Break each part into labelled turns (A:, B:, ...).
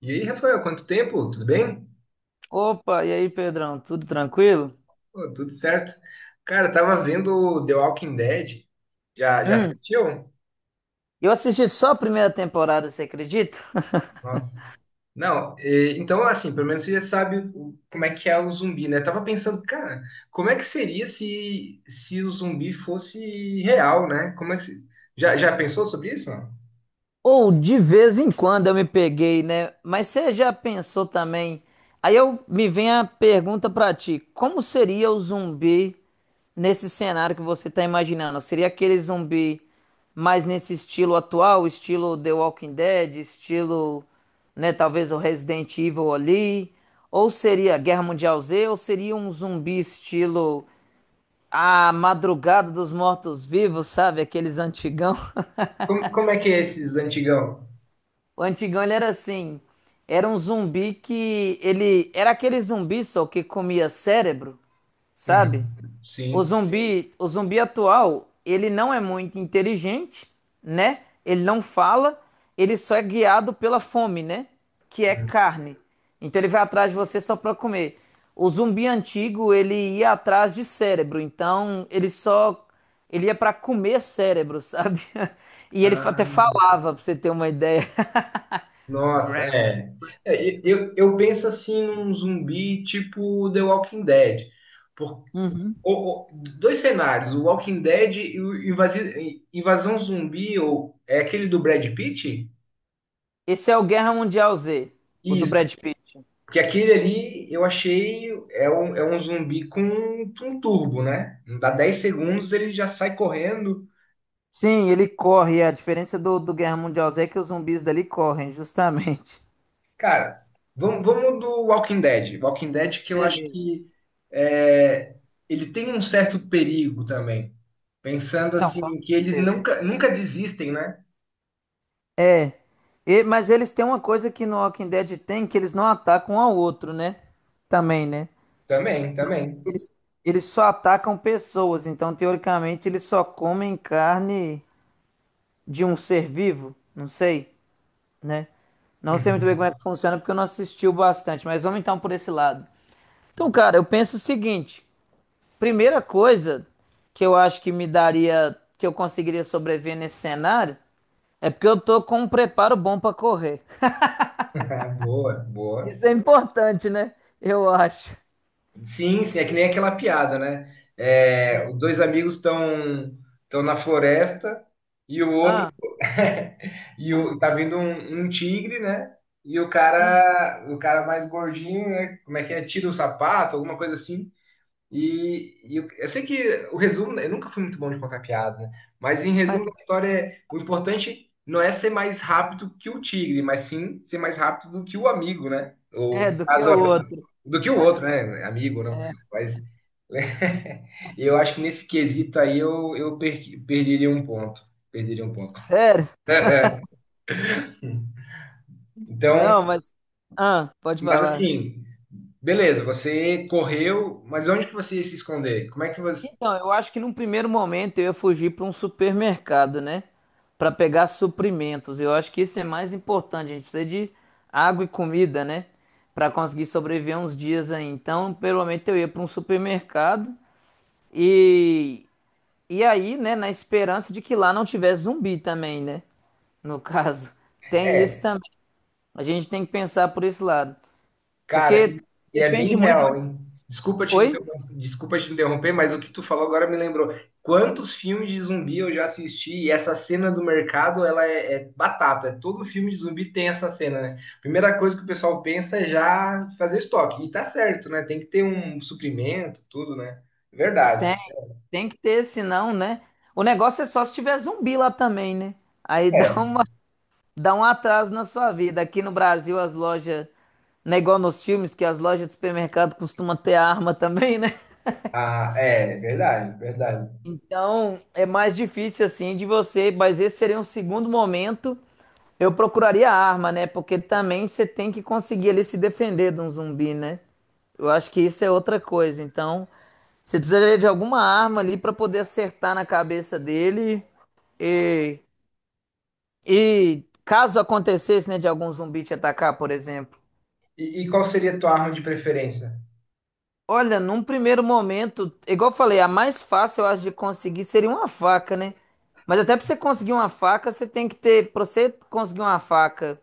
A: E aí, Rafael, quanto tempo? Tudo bem?
B: Opa, e aí, Pedrão, tudo tranquilo?
A: Pô, tudo certo. Cara, eu tava vendo The Walking Dead. Já
B: Hum,
A: assistiu?
B: eu assisti só a primeira temporada, você acredita?
A: Nossa. Não, então, assim, pelo menos você já sabe como é que é o zumbi, né? Eu tava pensando, cara, como é que seria se o zumbi fosse real, né? Como é que se- Já pensou sobre isso?
B: Ou de vez em quando eu me peguei, né? Mas você já pensou também? Aí eu me vem a pergunta pra ti, como seria o zumbi nesse cenário que você tá imaginando? Seria aquele zumbi mais nesse estilo atual, estilo The Walking Dead, estilo, né, talvez o Resident Evil ali, ou seria Guerra Mundial Z, ou seria um zumbi estilo A Madrugada dos Mortos-Vivos, sabe? Aqueles antigão.
A: Como é que é esses antigão?
B: O antigão, ele era assim, era um zumbi que ele era aquele zumbi só que comia cérebro, sabe?
A: Uhum.
B: O
A: Sim.
B: zumbi, o zumbi atual, ele não é muito inteligente, né? Ele não fala, ele só é guiado pela fome, né? Que é carne. Então ele vai atrás de você só para comer. O zumbi antigo, ele ia atrás de cérebro, então ele ia para comer cérebro, sabe? E até
A: Uhum.
B: falava, pra você ter uma ideia.
A: Nossa,
B: Brain.
A: é. É, eu penso assim num zumbi tipo The Walking Dead. Por,
B: Uhum.
A: o- o- dois cenários, o Walking Dead e o Invasão Zumbi, ou é aquele do Brad Pitt?
B: Esse é o Guerra Mundial Z, o do
A: Isso,
B: Brad Pitt.
A: porque aquele ali eu achei é um zumbi com um, um turbo, né? Dá 10 segundos, ele já sai correndo.
B: Sim, ele corre. É. A diferença do Guerra Mundial Z é que os zumbis dali correm, justamente.
A: Cara, vamos do Walking Dead. Walking Dead que eu acho
B: Beleza.
A: que é, ele tem um certo perigo também. Pensando
B: Não, com
A: assim, que eles
B: certeza.
A: nunca desistem, né?
B: É. E, mas eles têm uma coisa que no Walking Dead tem, que eles não atacam um ao outro, né? Também, né?
A: Também, também.
B: Eles, eles só atacam pessoas, então teoricamente eles só comem carne de um ser vivo, não sei, né? Não sei muito bem como
A: Uhum.
B: é que funciona porque eu não assisti o bastante, mas vamos então por esse lado. Então, cara, eu penso o seguinte. Primeira coisa que eu acho que me daria, que eu conseguiria sobreviver nesse cenário, é porque eu tô com um preparo bom pra correr.
A: Boa, boa.
B: Isso é importante, né? Eu acho.
A: Sim, sim, é que nem aquela piada, né? É, os dois amigos estão na floresta e o outro.
B: Ah,
A: E o, tá vindo um, um tigre, né? E o cara mais gordinho, né? Como é que é? Tira o sapato, alguma coisa assim. E, eu sei que o resumo, eu nunca fui muito bom de contar piada, né? Mas em
B: mas
A: resumo da história, é, o importante não é ser mais rápido que o tigre, mas sim ser mais rápido do que o amigo, né?
B: é
A: Ou no
B: do que
A: caso,
B: o outro.
A: do que o outro, né? Amigo, não.
B: É,
A: Mas eu acho que nesse quesito aí perderia um ponto. Perderia um ponto.
B: sério? Não,
A: Então,
B: mas. Ah, pode
A: mas
B: falar.
A: assim, beleza, você correu, mas onde que você ia se esconder? Como é que você.
B: Então, eu acho que num primeiro momento eu ia fugir para um supermercado, né? Para pegar suprimentos. Eu acho que isso é mais importante. A gente precisa de água e comida, né? Para conseguir sobreviver uns dias aí. Então, pelo menos eu ia para um supermercado e e aí, né, na esperança de que lá não tivesse zumbi também, né? No caso, tem isso
A: É,
B: também. A gente tem que pensar por esse lado,
A: cara,
B: porque
A: e é
B: depende
A: bem
B: muito
A: real,
B: de.
A: hein?
B: Oi?
A: Desculpa te interromper, mas o que tu falou agora me lembrou. Quantos filmes de zumbi eu já assisti e essa cena do mercado, ela é, é batata. Todo filme de zumbi tem essa cena, né? Primeira coisa que o pessoal pensa é já fazer estoque. E tá certo, né? Tem que ter um suprimento, tudo, né? Verdade.
B: Tem. Tem que ter, senão, né? O negócio é só se tiver zumbi lá também, né? Aí dá
A: É,
B: uma, dá um atraso na sua vida. Aqui no Brasil, as lojas, não é igual nos filmes, que as lojas de supermercado costumam ter arma também, né?
A: ah, é verdade, verdade.
B: Então, é mais difícil assim de você, mas esse seria um segundo momento. Eu procuraria a arma, né? Porque também você tem que conseguir ali se defender de um zumbi, né? Eu acho que isso é outra coisa. Então, você precisaria de alguma arma ali para poder acertar na cabeça dele e E caso acontecesse, né, de algum zumbi te atacar, por exemplo.
A: E qual seria a tua arma de preferência?
B: Olha, num primeiro momento, igual eu falei, a mais fácil, eu acho, de conseguir seria uma faca, né? Mas até pra você conseguir uma faca, você tem que ter. Pra você conseguir uma faca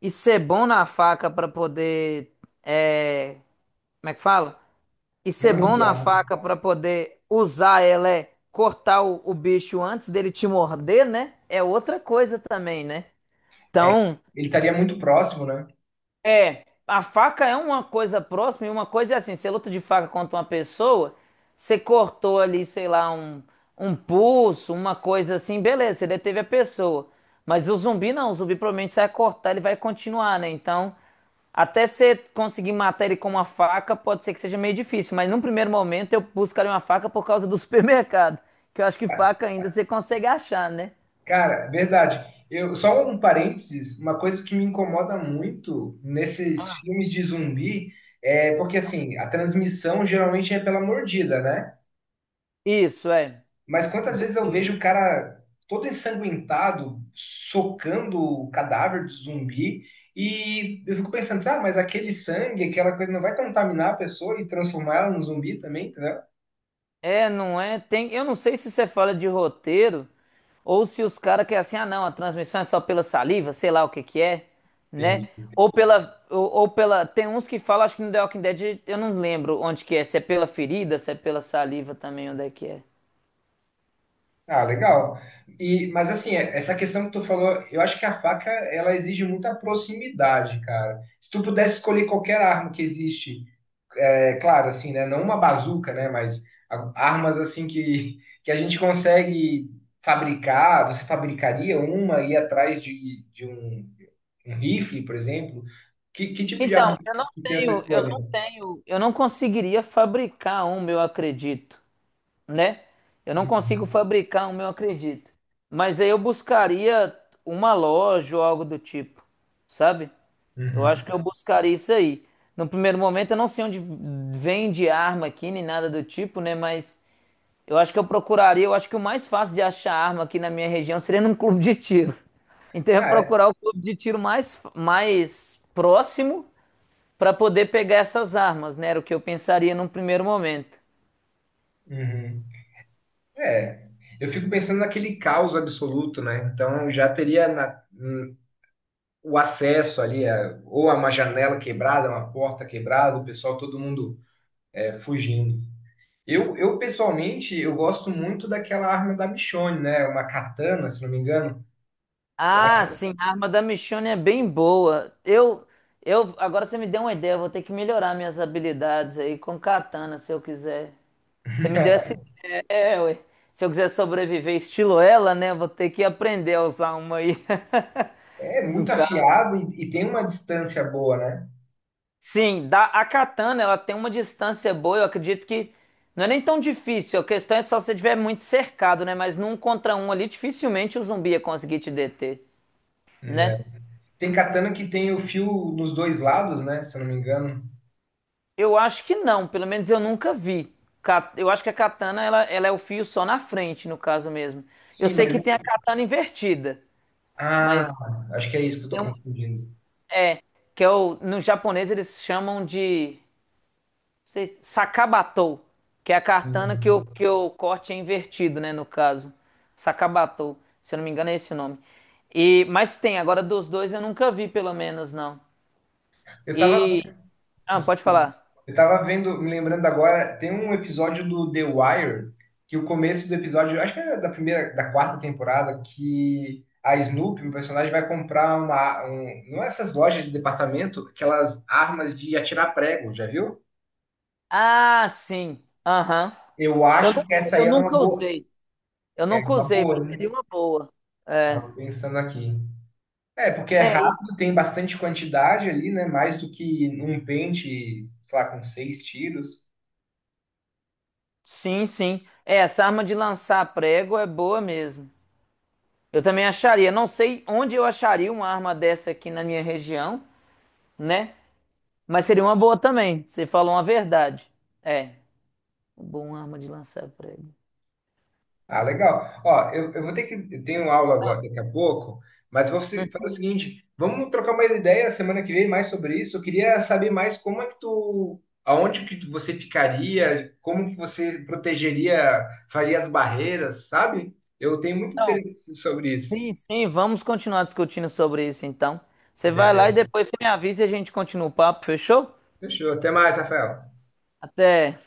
B: e ser bom na faca pra poder. É, como é que fala? E ser bom na
A: Manusear.
B: faca pra poder usar ela é cortar o bicho antes dele te morder, né? É outra coisa também, né? Então.
A: Ele estaria muito próximo, né?
B: É, a faca é uma coisa próxima e uma coisa é assim, você luta de faca contra uma pessoa, você cortou ali, sei lá, um pulso, uma coisa assim, beleza, você deteve a pessoa. Mas o zumbi não, o zumbi provavelmente você vai cortar, ele vai continuar, né? Então, até você conseguir matar ele com uma faca, pode ser que seja meio difícil, mas num primeiro momento eu buscaria uma faca por causa do supermercado, que eu acho que faca ainda você consegue achar, né?
A: Cara, verdade. Eu, só um parênteses, uma coisa que me incomoda muito nesses filmes de zumbi é porque, assim, a transmissão geralmente é pela mordida, né?
B: Isso, é.
A: Mas quantas vezes eu vejo o cara todo ensanguentado, socando o cadáver do zumbi, e eu fico pensando, ah, mas aquele sangue, aquela coisa não vai contaminar a pessoa e transformar ela num zumbi também, entendeu?
B: É, não é? Tem, eu não sei se você fala de roteiro ou se os caras querem assim, ah, não, a transmissão é só pela saliva, sei lá o que que é, né?
A: Entendi.
B: Ou pela, tem uns que falam, acho que no The Walking Dead, eu não lembro onde que é, se é pela ferida, se é pela saliva também, onde é que é.
A: Ah, legal. E, mas assim, essa questão que tu falou, eu acho que a faca, ela exige muita proximidade, cara. Se tu pudesse escolher qualquer arma que existe, é claro, assim, né, não uma bazuca, né, mas armas assim que a gente consegue fabricar, você fabricaria uma e ir atrás de um, um rifle, por exemplo? Que tipo de arma
B: Então,
A: que seria a tua escolha?
B: eu não conseguiria fabricar um, eu acredito. Né? Eu não consigo
A: Uhum.
B: fabricar o meu, acredito. Mas aí eu buscaria uma loja ou algo do tipo, sabe? Eu acho
A: Uhum.
B: que eu buscaria isso aí. No primeiro momento, eu não sei onde vende arma aqui, nem nada do tipo, né? Mas eu acho que eu procuraria. Eu acho que o mais fácil de achar arma aqui na minha região seria num clube de tiro. Então, eu ia
A: Ah, é.
B: procurar o clube de tiro mais próximo para poder pegar essas armas, né? Era o que eu pensaria num primeiro momento.
A: Uhum. É, eu fico pensando naquele caos absoluto, né? Então já teria o acesso ali, ou a uma janela quebrada, uma porta quebrada, o pessoal, todo mundo é, fugindo. Eu pessoalmente, eu gosto muito daquela arma da Michonne, né? Uma katana, se não me engano.
B: Ah, sim, a arma da Michonne é bem boa. Agora você me deu uma ideia, eu vou ter que melhorar minhas habilidades aí com katana, se eu quiser. Você me deu essa ideia, é, ué. Se eu quiser sobreviver estilo ela, né, eu vou ter que aprender a usar uma aí,
A: É
B: no
A: muito
B: caso.
A: afiado e tem uma distância boa, né?
B: Sim, da, a katana, ela tem uma distância boa, eu acredito que não é nem tão difícil, a questão é só se você estiver muito cercado, né, mas num contra um ali, dificilmente o zumbi ia conseguir te deter,
A: Né?
B: né?
A: Tem katana que tem o fio nos dois lados, né? Se eu não me engano.
B: Eu acho que não, pelo menos eu nunca vi. Ca- Eu acho que a katana ela é o fio só na frente, no caso mesmo. Eu
A: Sim,
B: sei
A: mas.
B: que tem a katana invertida,
A: Ah,
B: mas
A: acho que é isso que eu
B: tem
A: tô
B: um,
A: confundindo.
B: é que é o, no japonês eles chamam de sakabatou, que é a katana que
A: Hum.
B: o corte é invertido, né, no caso. Sakabatou, se eu não me engano é esse o nome. E mas tem, agora dos dois eu nunca vi, pelo menos não.
A: Eu tava
B: E ah, pode falar.
A: Eu tava vendo, me lembrando agora, tem um episódio do The Wire, que o começo do episódio, acho que é da primeira, da quarta temporada, que a Snoopy, um personagem, vai comprar uma, um, não é essas lojas de departamento, aquelas armas de atirar prego, já viu?
B: Ah, sim. Aham.
A: Eu acho que essa aí
B: Eu nunca usei. Eu
A: era
B: nunca
A: uma
B: usei,
A: boa,
B: mas seria
A: né?
B: uma boa. É.
A: Tava pensando aqui. É, porque é
B: É, e-
A: rápido, tem bastante quantidade ali, né? Mais do que um pente, sei lá, com 6 tiros.
B: sim, sim. É, essa arma de lançar prego é boa mesmo. Eu também acharia. Não sei onde eu acharia uma arma dessa aqui na minha região, né? Mas seria uma boa também. Você falou uma verdade. É, bom arma de lançar prego.
A: Ah, legal. Ó, eu vou ter que. Eu tenho aula agora, daqui a pouco, mas vou se- fazer o seguinte: vamos trocar mais ideia semana que vem mais sobre isso. Eu queria saber mais como é que tu. Aonde que você ficaria, como que você protegeria, faria as barreiras, sabe? Eu tenho muito
B: Então,
A: interesse sobre isso.
B: sim, sim, vamos continuar discutindo sobre isso então. Você vai lá e
A: Beleza.
B: depois você me avisa e a gente continua o papo, fechou?
A: Fechou. Até mais, Rafael.
B: Até.